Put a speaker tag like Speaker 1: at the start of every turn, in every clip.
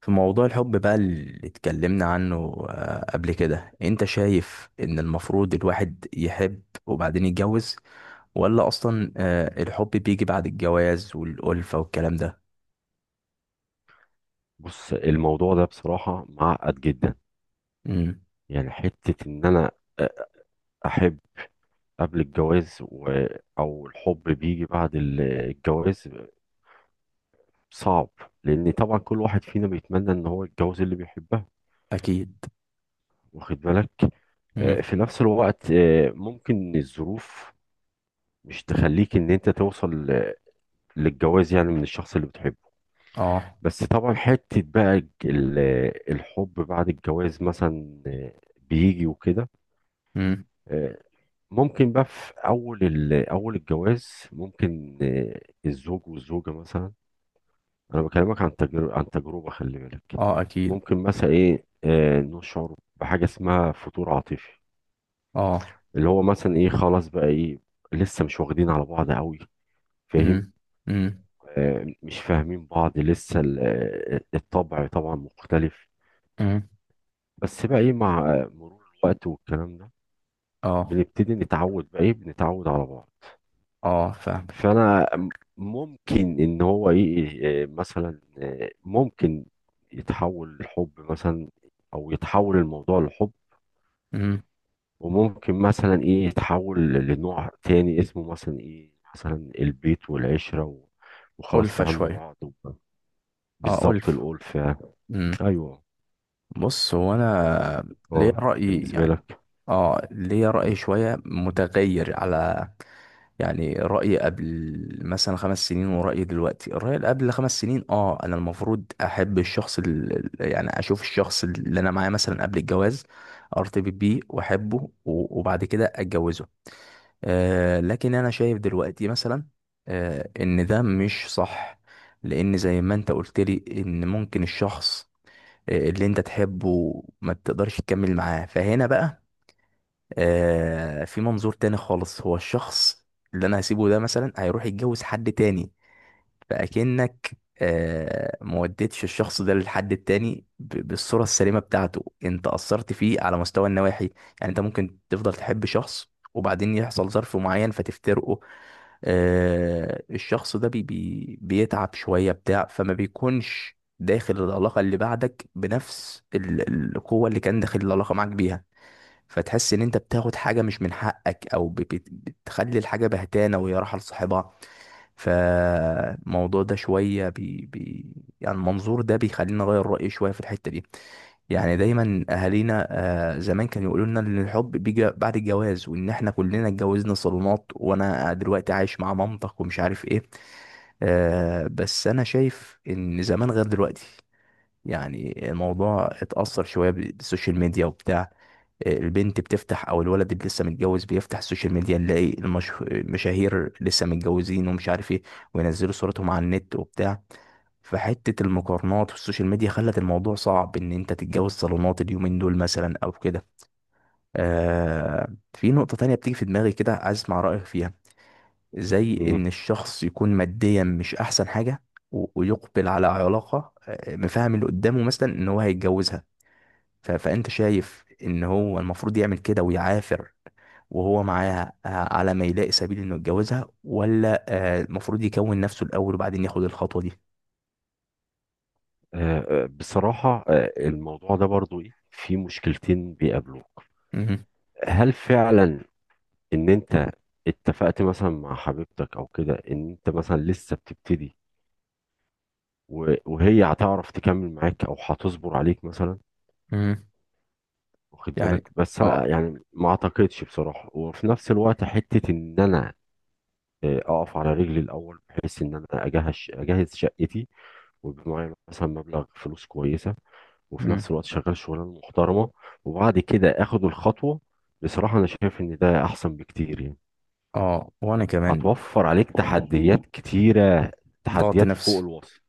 Speaker 1: في موضوع الحب بقى اللي اتكلمنا عنه قبل كده انت شايف ان المفروض الواحد يحب وبعدين يتجوز، ولا اصلا الحب بيجي بعد الجواز والألفة والكلام ده؟
Speaker 2: بص، الموضوع ده بصراحة معقد جدا.
Speaker 1: امم.
Speaker 2: يعني حتة ان انا احب قبل الجواز او الحب بيجي بعد الجواز صعب، لان طبعا كل واحد فينا بيتمنى ان هو يتجوز اللي بيحبها،
Speaker 1: اكيد.
Speaker 2: واخد بالك.
Speaker 1: امم.
Speaker 2: في نفس الوقت ممكن الظروف مش تخليك ان انت توصل للجواز، يعني من الشخص اللي بتحبه.
Speaker 1: اه.
Speaker 2: بس طبعا حتة بقى الحب بعد الجواز مثلا بيجي وكده.
Speaker 1: امم.
Speaker 2: ممكن بقى في اول الجواز ممكن الزوج والزوجه مثلا. انا بكلمك عن تجربه عن تجربه، خلي بالك.
Speaker 1: اه، اكيد.
Speaker 2: ممكن مثلا ايه نشعر بحاجه اسمها فتور عاطفي،
Speaker 1: اه.
Speaker 2: اللي هو مثلا ايه خلاص بقى ايه، لسه مش واخدين على بعض قوي، فاهم؟
Speaker 1: امم، امم،
Speaker 2: مش فاهمين بعض لسه الطبع طبعا مختلف.
Speaker 1: امم.
Speaker 2: بس بقى ايه مع مرور الوقت والكلام ده
Speaker 1: اه.
Speaker 2: بنبتدي نتعود، بقى ايه بنتعود على بعض.
Speaker 1: اه، فاهم.
Speaker 2: فانا ممكن ان هو ايه مثلا ممكن يتحول لحب مثلا، او يتحول الموضوع لحب.
Speaker 1: امم.
Speaker 2: وممكن مثلا ايه يتحول لنوع تاني اسمه مثلا ايه، مثلا البيت والعشرة وخلاص
Speaker 1: ألفة
Speaker 2: فهمنا
Speaker 1: شوية.
Speaker 2: بعض
Speaker 1: اه،
Speaker 2: بالظبط
Speaker 1: ألفة.
Speaker 2: الألفة. ايوه.
Speaker 1: بص، هو انا ليا
Speaker 2: اه،
Speaker 1: رأي
Speaker 2: بالنسبة
Speaker 1: يعني.
Speaker 2: لك.
Speaker 1: اه، ليا
Speaker 2: مم.
Speaker 1: رأي شوية متغير على، يعني رأيي قبل مثلا 5 سنين ورأيي دلوقتي. الرأي اللي قبل 5 سنين، انا المفروض احب الشخص يعني اشوف الشخص اللي انا معاه مثلا قبل الجواز، ارتبط بيه واحبه، و- وبعد كده اتجوزه. لكن انا شايف دلوقتي مثلا ان ده مش صح، لان زي ما انت قلت لي ان ممكن الشخص اللي انت تحبه ما تقدرش تكمل معاه. فهنا بقى في منظور تاني خالص. هو الشخص اللي انا هسيبه ده مثلا هيروح يتجوز حد تاني، فأكنك ما وديتش الشخص ده للحد التاني بالصورة السليمة بتاعته. انت أثرت فيه على مستوى النواحي. يعني انت ممكن تفضل تحب شخص وبعدين يحصل ظرف معين فتفترقه، الشخص ده بي بي بيتعب شوية بتاع، فما بيكونش داخل العلاقة اللي بعدك بنفس القوة اللي كان داخل العلاقة معاك بيها. فتحس ان انت بتاخد حاجه مش من حقك، او بتخلي الحاجه بهتانه وهي رايحه لصاحبها. فالموضوع ده شويه بي بي يعني المنظور ده بيخليني اغير رايي شويه في الحته دي. يعني دايما اهالينا زمان كانوا يقولوا لنا ان الحب بيجي بعد الجواز، وان احنا كلنا اتجوزنا صالونات، وانا دلوقتي عايش مع مامتك ومش عارف ايه. بس انا شايف ان زمان غير دلوقتي. يعني الموضوع اتأثر شوية بالسوشيال ميديا وبتاع. البنت بتفتح او الولد اللي لسه متجوز بيفتح السوشيال ميديا، نلاقي المشاهير لسه متجوزين ومش عارف ايه، وينزلوا صورتهم على النت وبتاع. فحتة المقارنات والسوشيال ميديا خلت الموضوع صعب ان انت تتجوز صالونات اليومين دول مثلا او كده. آه في نقطة تانية بتيجي في دماغي كده، عايز اسمع رأيك فيها. زي
Speaker 2: مم.
Speaker 1: ان الشخص يكون ماديا مش احسن حاجة و- ويقبل على علاقة مفهم اللي قدامه مثلا ان هو هيتجوزها. ف- فانت شايف ان هو المفروض يعمل كده ويعافر وهو معاها على ما يلاقي سبيل انه يتجوزها، ولا المفروض يكون نفسه الاول وبعدين ياخد الخطوة دي؟
Speaker 2: بصراحة الموضوع ده برضو ايه في مشكلتين بيقابلوك.
Speaker 1: مهم.
Speaker 2: هل فعلا ان انت اتفقت مثلا مع حبيبتك او كده ان انت مثلا لسه بتبتدي، وهي هتعرف تكمل معاك او هتصبر عليك مثلا،
Speaker 1: مهم.
Speaker 2: واخد
Speaker 1: يعني.
Speaker 2: بالك؟ بس أنا
Speaker 1: اه.
Speaker 2: يعني ما اعتقدش بصراحة. وفي نفس الوقت حتة ان انا اقف على رجلي الاول، بحيث ان انا اجهز شقتي ويبقى معايا مثلا مبلغ فلوس كويسة، وفي
Speaker 1: مم.
Speaker 2: نفس الوقت شغال شغلانة محترمة، وبعد كده اخد الخطوة. بصراحة انا شايف ان ده احسن بكتير يعني.
Speaker 1: اه، وانا كمان.
Speaker 2: هتوفر عليك تحديات كتيرة،
Speaker 1: ضغط
Speaker 2: تحديات فوق
Speaker 1: نفسي.
Speaker 2: الوصف.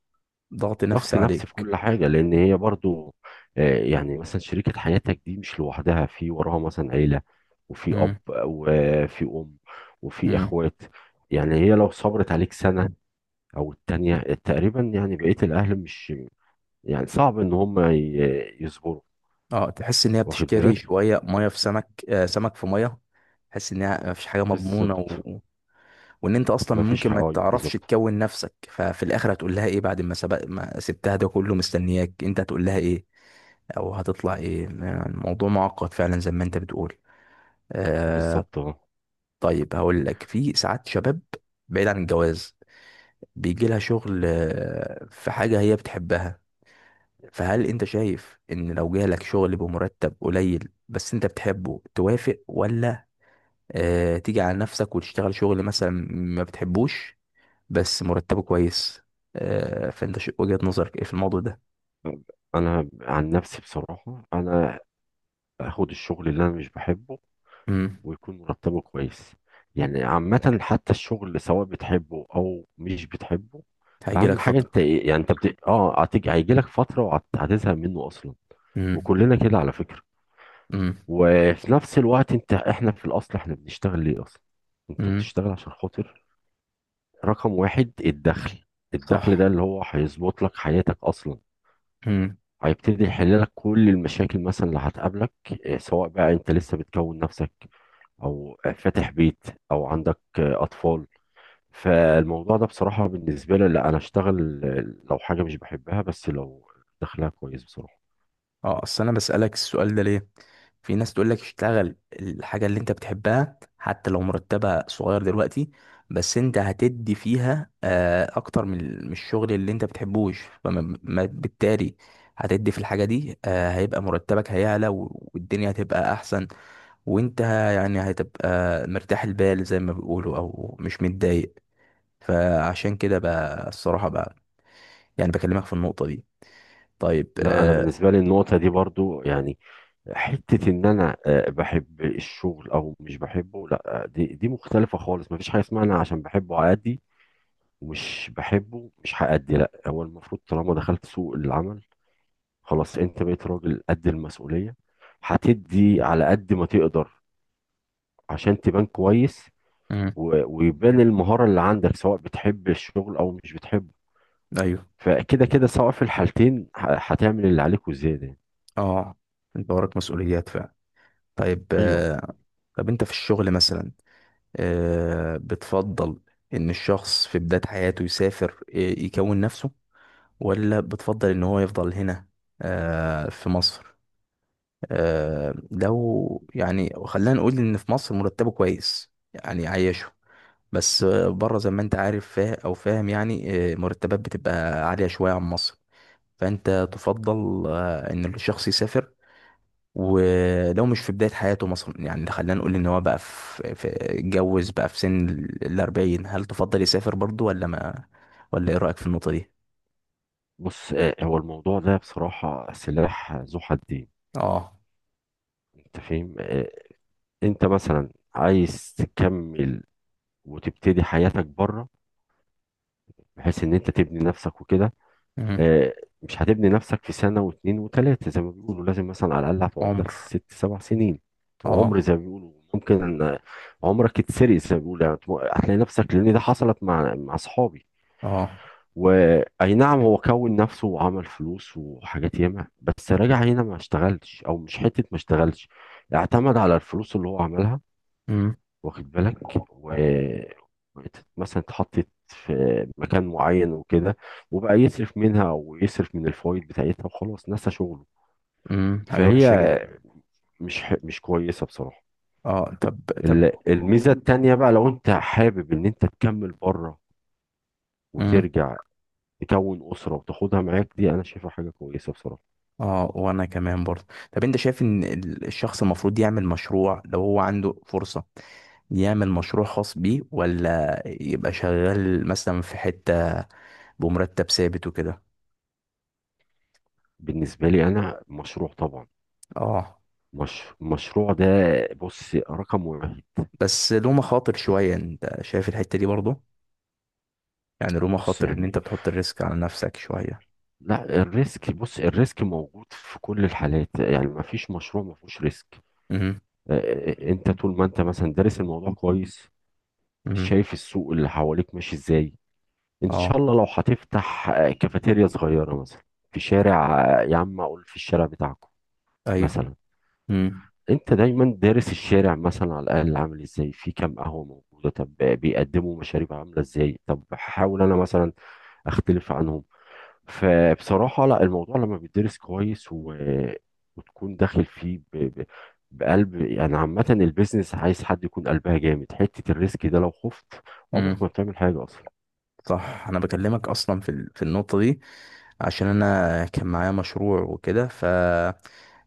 Speaker 1: ضغط
Speaker 2: ضغط
Speaker 1: نفسي
Speaker 2: نفسي في
Speaker 1: عليك.
Speaker 2: كل حاجة، لأن هي برضو يعني مثلا شريكة حياتك دي مش لوحدها، في وراها مثلا عيلة، وفي أب
Speaker 1: مم.
Speaker 2: وفي أم وفي
Speaker 1: مم.
Speaker 2: إخوات. يعني هي لو صبرت عليك سنة أو التانية تقريبا، يعني بقية الأهل مش، يعني صعب إن هم يصبروا،
Speaker 1: اه، تحس ان هي
Speaker 2: واخد
Speaker 1: بتشتري
Speaker 2: بالك.
Speaker 1: شوية مية في سمك سمك في مية. تحس ان هي مفيش حاجة مضمونة،
Speaker 2: بالظبط،
Speaker 1: وان انت اصلا
Speaker 2: مفيش
Speaker 1: ممكن
Speaker 2: حق.
Speaker 1: ما
Speaker 2: أيوه
Speaker 1: تعرفش
Speaker 2: بالظبط.
Speaker 1: تكون نفسك. ففي الاخر هتقول لها ايه بعد ما سبق ما سبتها ده كله مستنياك؟ انت هتقول لها ايه، او هتطلع ايه؟ الموضوع معقد فعلا زي ما انت بتقول. آه.
Speaker 2: بالظبط اه.
Speaker 1: طيب، هقول لك في ساعات شباب، بعيد عن الجواز، بيجي لها شغل في حاجة هي بتحبها. فهل انت شايف ان لو جالك شغل بمرتب قليل بس انت بتحبه توافق، ولا تيجي على نفسك وتشتغل شغل مثلا ما بتحبوش بس مرتبه كويس؟ فانت وجهة نظرك ايه في الموضوع ده؟
Speaker 2: انا عن نفسي بصراحه انا اخد الشغل اللي انا مش بحبه
Speaker 1: امم.
Speaker 2: ويكون مرتبه كويس. يعني عامة حتى الشغل سواء بتحبه او مش بتحبه،
Speaker 1: هيجي لك
Speaker 2: اهم حاجة انت
Speaker 1: فترة.
Speaker 2: إيه- يعني انت بت... اه هتيجي هيجي لك فترة وهتزهق منه اصلا،
Speaker 1: امم.
Speaker 2: وكلنا كده على فكرة.
Speaker 1: امم.
Speaker 2: وفي نفس الوقت انت، احنا في الاصل احنا بنشتغل ليه اصلا؟ انت
Speaker 1: امم.
Speaker 2: بتشتغل عشان خاطر رقم 1 الدخل. الدخل
Speaker 1: صح.
Speaker 2: ده اللي هو هيظبط لك حياتك اصلا،
Speaker 1: امم.
Speaker 2: هيبتدي يحل لك كل المشاكل مثلا اللي هتقابلك، سواء بقى انت لسه بتكون نفسك او فاتح بيت او عندك اطفال. فالموضوع ده بصراحة بالنسبة لي، لا انا اشتغل لو حاجة مش بحبها بس لو دخلها كويس بصراحة.
Speaker 1: اه، اصل انا بسألك السؤال ده ليه. في ناس تقول لك اشتغل الحاجة اللي انت بتحبها حتى لو مرتبها صغير دلوقتي، بس انت هتدي فيها اكتر من من الشغل اللي انت بتحبوش. فما بالتالي هتدي في الحاجة دي هيبقى مرتبك هيعلى و- والدنيا هتبقى احسن. وانت يعني هتبقى مرتاح البال زي ما بيقولوا او مش متضايق. فعشان كده بقى، الصراحة بقى، يعني بكلمك في النقطة دي. طيب.
Speaker 2: لا، انا
Speaker 1: آه.
Speaker 2: بالنسبة لي النقطة دي برضو يعني، حتة ان انا بحب الشغل او مش بحبه، لا دي مختلفة خالص. مفيش حاجة اسمها انا عشان بحبه هأدي ومش بحبه مش هأدي. لا، هو المفروض طالما دخلت سوق العمل خلاص انت بقيت راجل قد المسؤولية، هتدي على قد ما تقدر عشان تبان كويس
Speaker 1: مم.
Speaker 2: ويبان المهارة اللي عندك، سواء بتحب الشغل أو مش بتحبه.
Speaker 1: ايوه.
Speaker 2: فكده كده سواء في الحالتين هتعمل اللي عليك وزيادة يعني.
Speaker 1: اه، انت وراك مسؤوليات فعلا. طيب.
Speaker 2: أيوه.
Speaker 1: آه. طب انت في الشغل مثلا بتفضل ان الشخص في بداية حياته يسافر يكون نفسه، ولا بتفضل ان هو يفضل هنا في مصر؟ لو يعني خلينا نقول ان في مصر مرتبه كويس يعني عايشه، بس بره زي ما انت عارف فا او فاهم يعني مرتبات بتبقى عالية شوية عن مصر. فانت تفضل ان الشخص يسافر؟ ولو مش في بداية حياته مثلا، يعني خلينا نقول ان هو بقى اتجوز بقى في سن الأربعين، هل تفضل يسافر برضو، ولا ما، ولا ايه رأيك في النقطة دي؟
Speaker 2: بص هو الموضوع ده بصراحة سلاح ذو حدين.
Speaker 1: اه.
Speaker 2: أنت فاهم. أنت مثلا عايز تكمل وتبتدي حياتك بره، بحيث إن أنت تبني نفسك وكده.
Speaker 1: مم.
Speaker 2: آه، مش هتبني نفسك في سنة واتنين وتلاتة، زي ما بيقولوا لازم مثلا على الأقل هتقعد لك
Speaker 1: عمر.
Speaker 2: 6 7 سنين. وعمر
Speaker 1: اه.
Speaker 2: زي ما بيقولوا ممكن أن عمرك يتسرق زي ما بيقولوا، يعني هتلاقي نفسك. لأن ده حصلت مع أصحابي،
Speaker 1: اه.
Speaker 2: وأي نعم هو كون نفسه وعمل فلوس وحاجات ياما، بس راجع هنا ما اشتغلش. أو مش حتة ما اشتغلش، اعتمد على الفلوس اللي هو عملها،
Speaker 1: امم.
Speaker 2: واخد بالك، مثلا اتحطت في مكان معين وكده، وبقى يصرف منها ويصرف من الفوائد بتاعتها وخلاص نسى شغله.
Speaker 1: امم. حاجة
Speaker 2: فهي
Speaker 1: وحشة جدا.
Speaker 2: مش كويسة بصراحة.
Speaker 1: اه. طب. طب.
Speaker 2: الميزة التانية بقى لو انت حابب ان انت تكمل بره
Speaker 1: امم.
Speaker 2: وترجع تكون أسرة وتاخدها معاك، دي أنا شايفها حاجة كويسة بصراحة.
Speaker 1: اه، وانا كمان برضه. طب انت شايف ان الشخص المفروض يعمل مشروع لو هو عنده فرصة، يعمل مشروع خاص بيه، ولا يبقى شغال مثلا في حتة بمرتب ثابت وكده؟
Speaker 2: بالنسبة لي أنا مشروع طبعا،
Speaker 1: اه.
Speaker 2: مش... مشروع ده، بص، رقم 1.
Speaker 1: بس له مخاطر شوية، انت شايف الحتة دي برضه، يعني له
Speaker 2: بص
Speaker 1: مخاطر ان انت
Speaker 2: يعني،
Speaker 1: بتحط الريسك على نفسك شوية.
Speaker 2: لا، الريسك، الريسك موجود في كل الحالات، يعني ما فيش مشروع ما فيهوش ريسك.
Speaker 1: امم.
Speaker 2: انت طول ما انت مثلا دارس الموضوع كويس،
Speaker 1: امم.
Speaker 2: شايف السوق اللي حواليك ماشي ازاي. ان شاء
Speaker 1: اه.
Speaker 2: الله لو هتفتح كافيتيريا صغيرة مثلا في شارع، يا عم اقول في الشارع بتاعكم
Speaker 1: ايوه.
Speaker 2: مثلا. انت دايما دارس الشارع مثلا، على الاقل عامل ازاي، في كام قهوة موجودة، طب بيقدموا مشاريب عاملة ازاي، طب هحاول انا مثلا اختلف عنهم. فبصراحة لا، الموضوع لما بيدرس كويس و... وتكون داخل فيه بقلب. يعني عامة البيزنس عايز حد يكون قلبها جامد، حتة الريسك ده لو خفت عمرك
Speaker 1: امم.
Speaker 2: ما بتعمل حاجة أصلا.
Speaker 1: صح. انا بكلمك اصلا في النقطه دي عشان انا كان معايا مشروع وكده.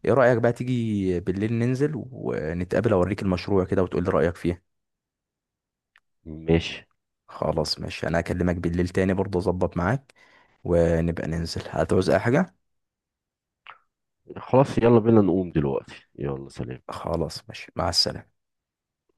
Speaker 1: ايه رايك بقى تيجي بالليل ننزل ونتقابل، اوريك المشروع كده وتقول لي رايك فيه؟
Speaker 2: ماشي،
Speaker 1: خلاص ماشي، انا اكلمك بالليل تاني برضه اظبط معاك، ونبقى ننزل. هتعوز اي حاجه؟
Speaker 2: خلاص يلا بينا نقوم دلوقتي، يلا سلام.
Speaker 1: خلاص ماشي، مع السلامه.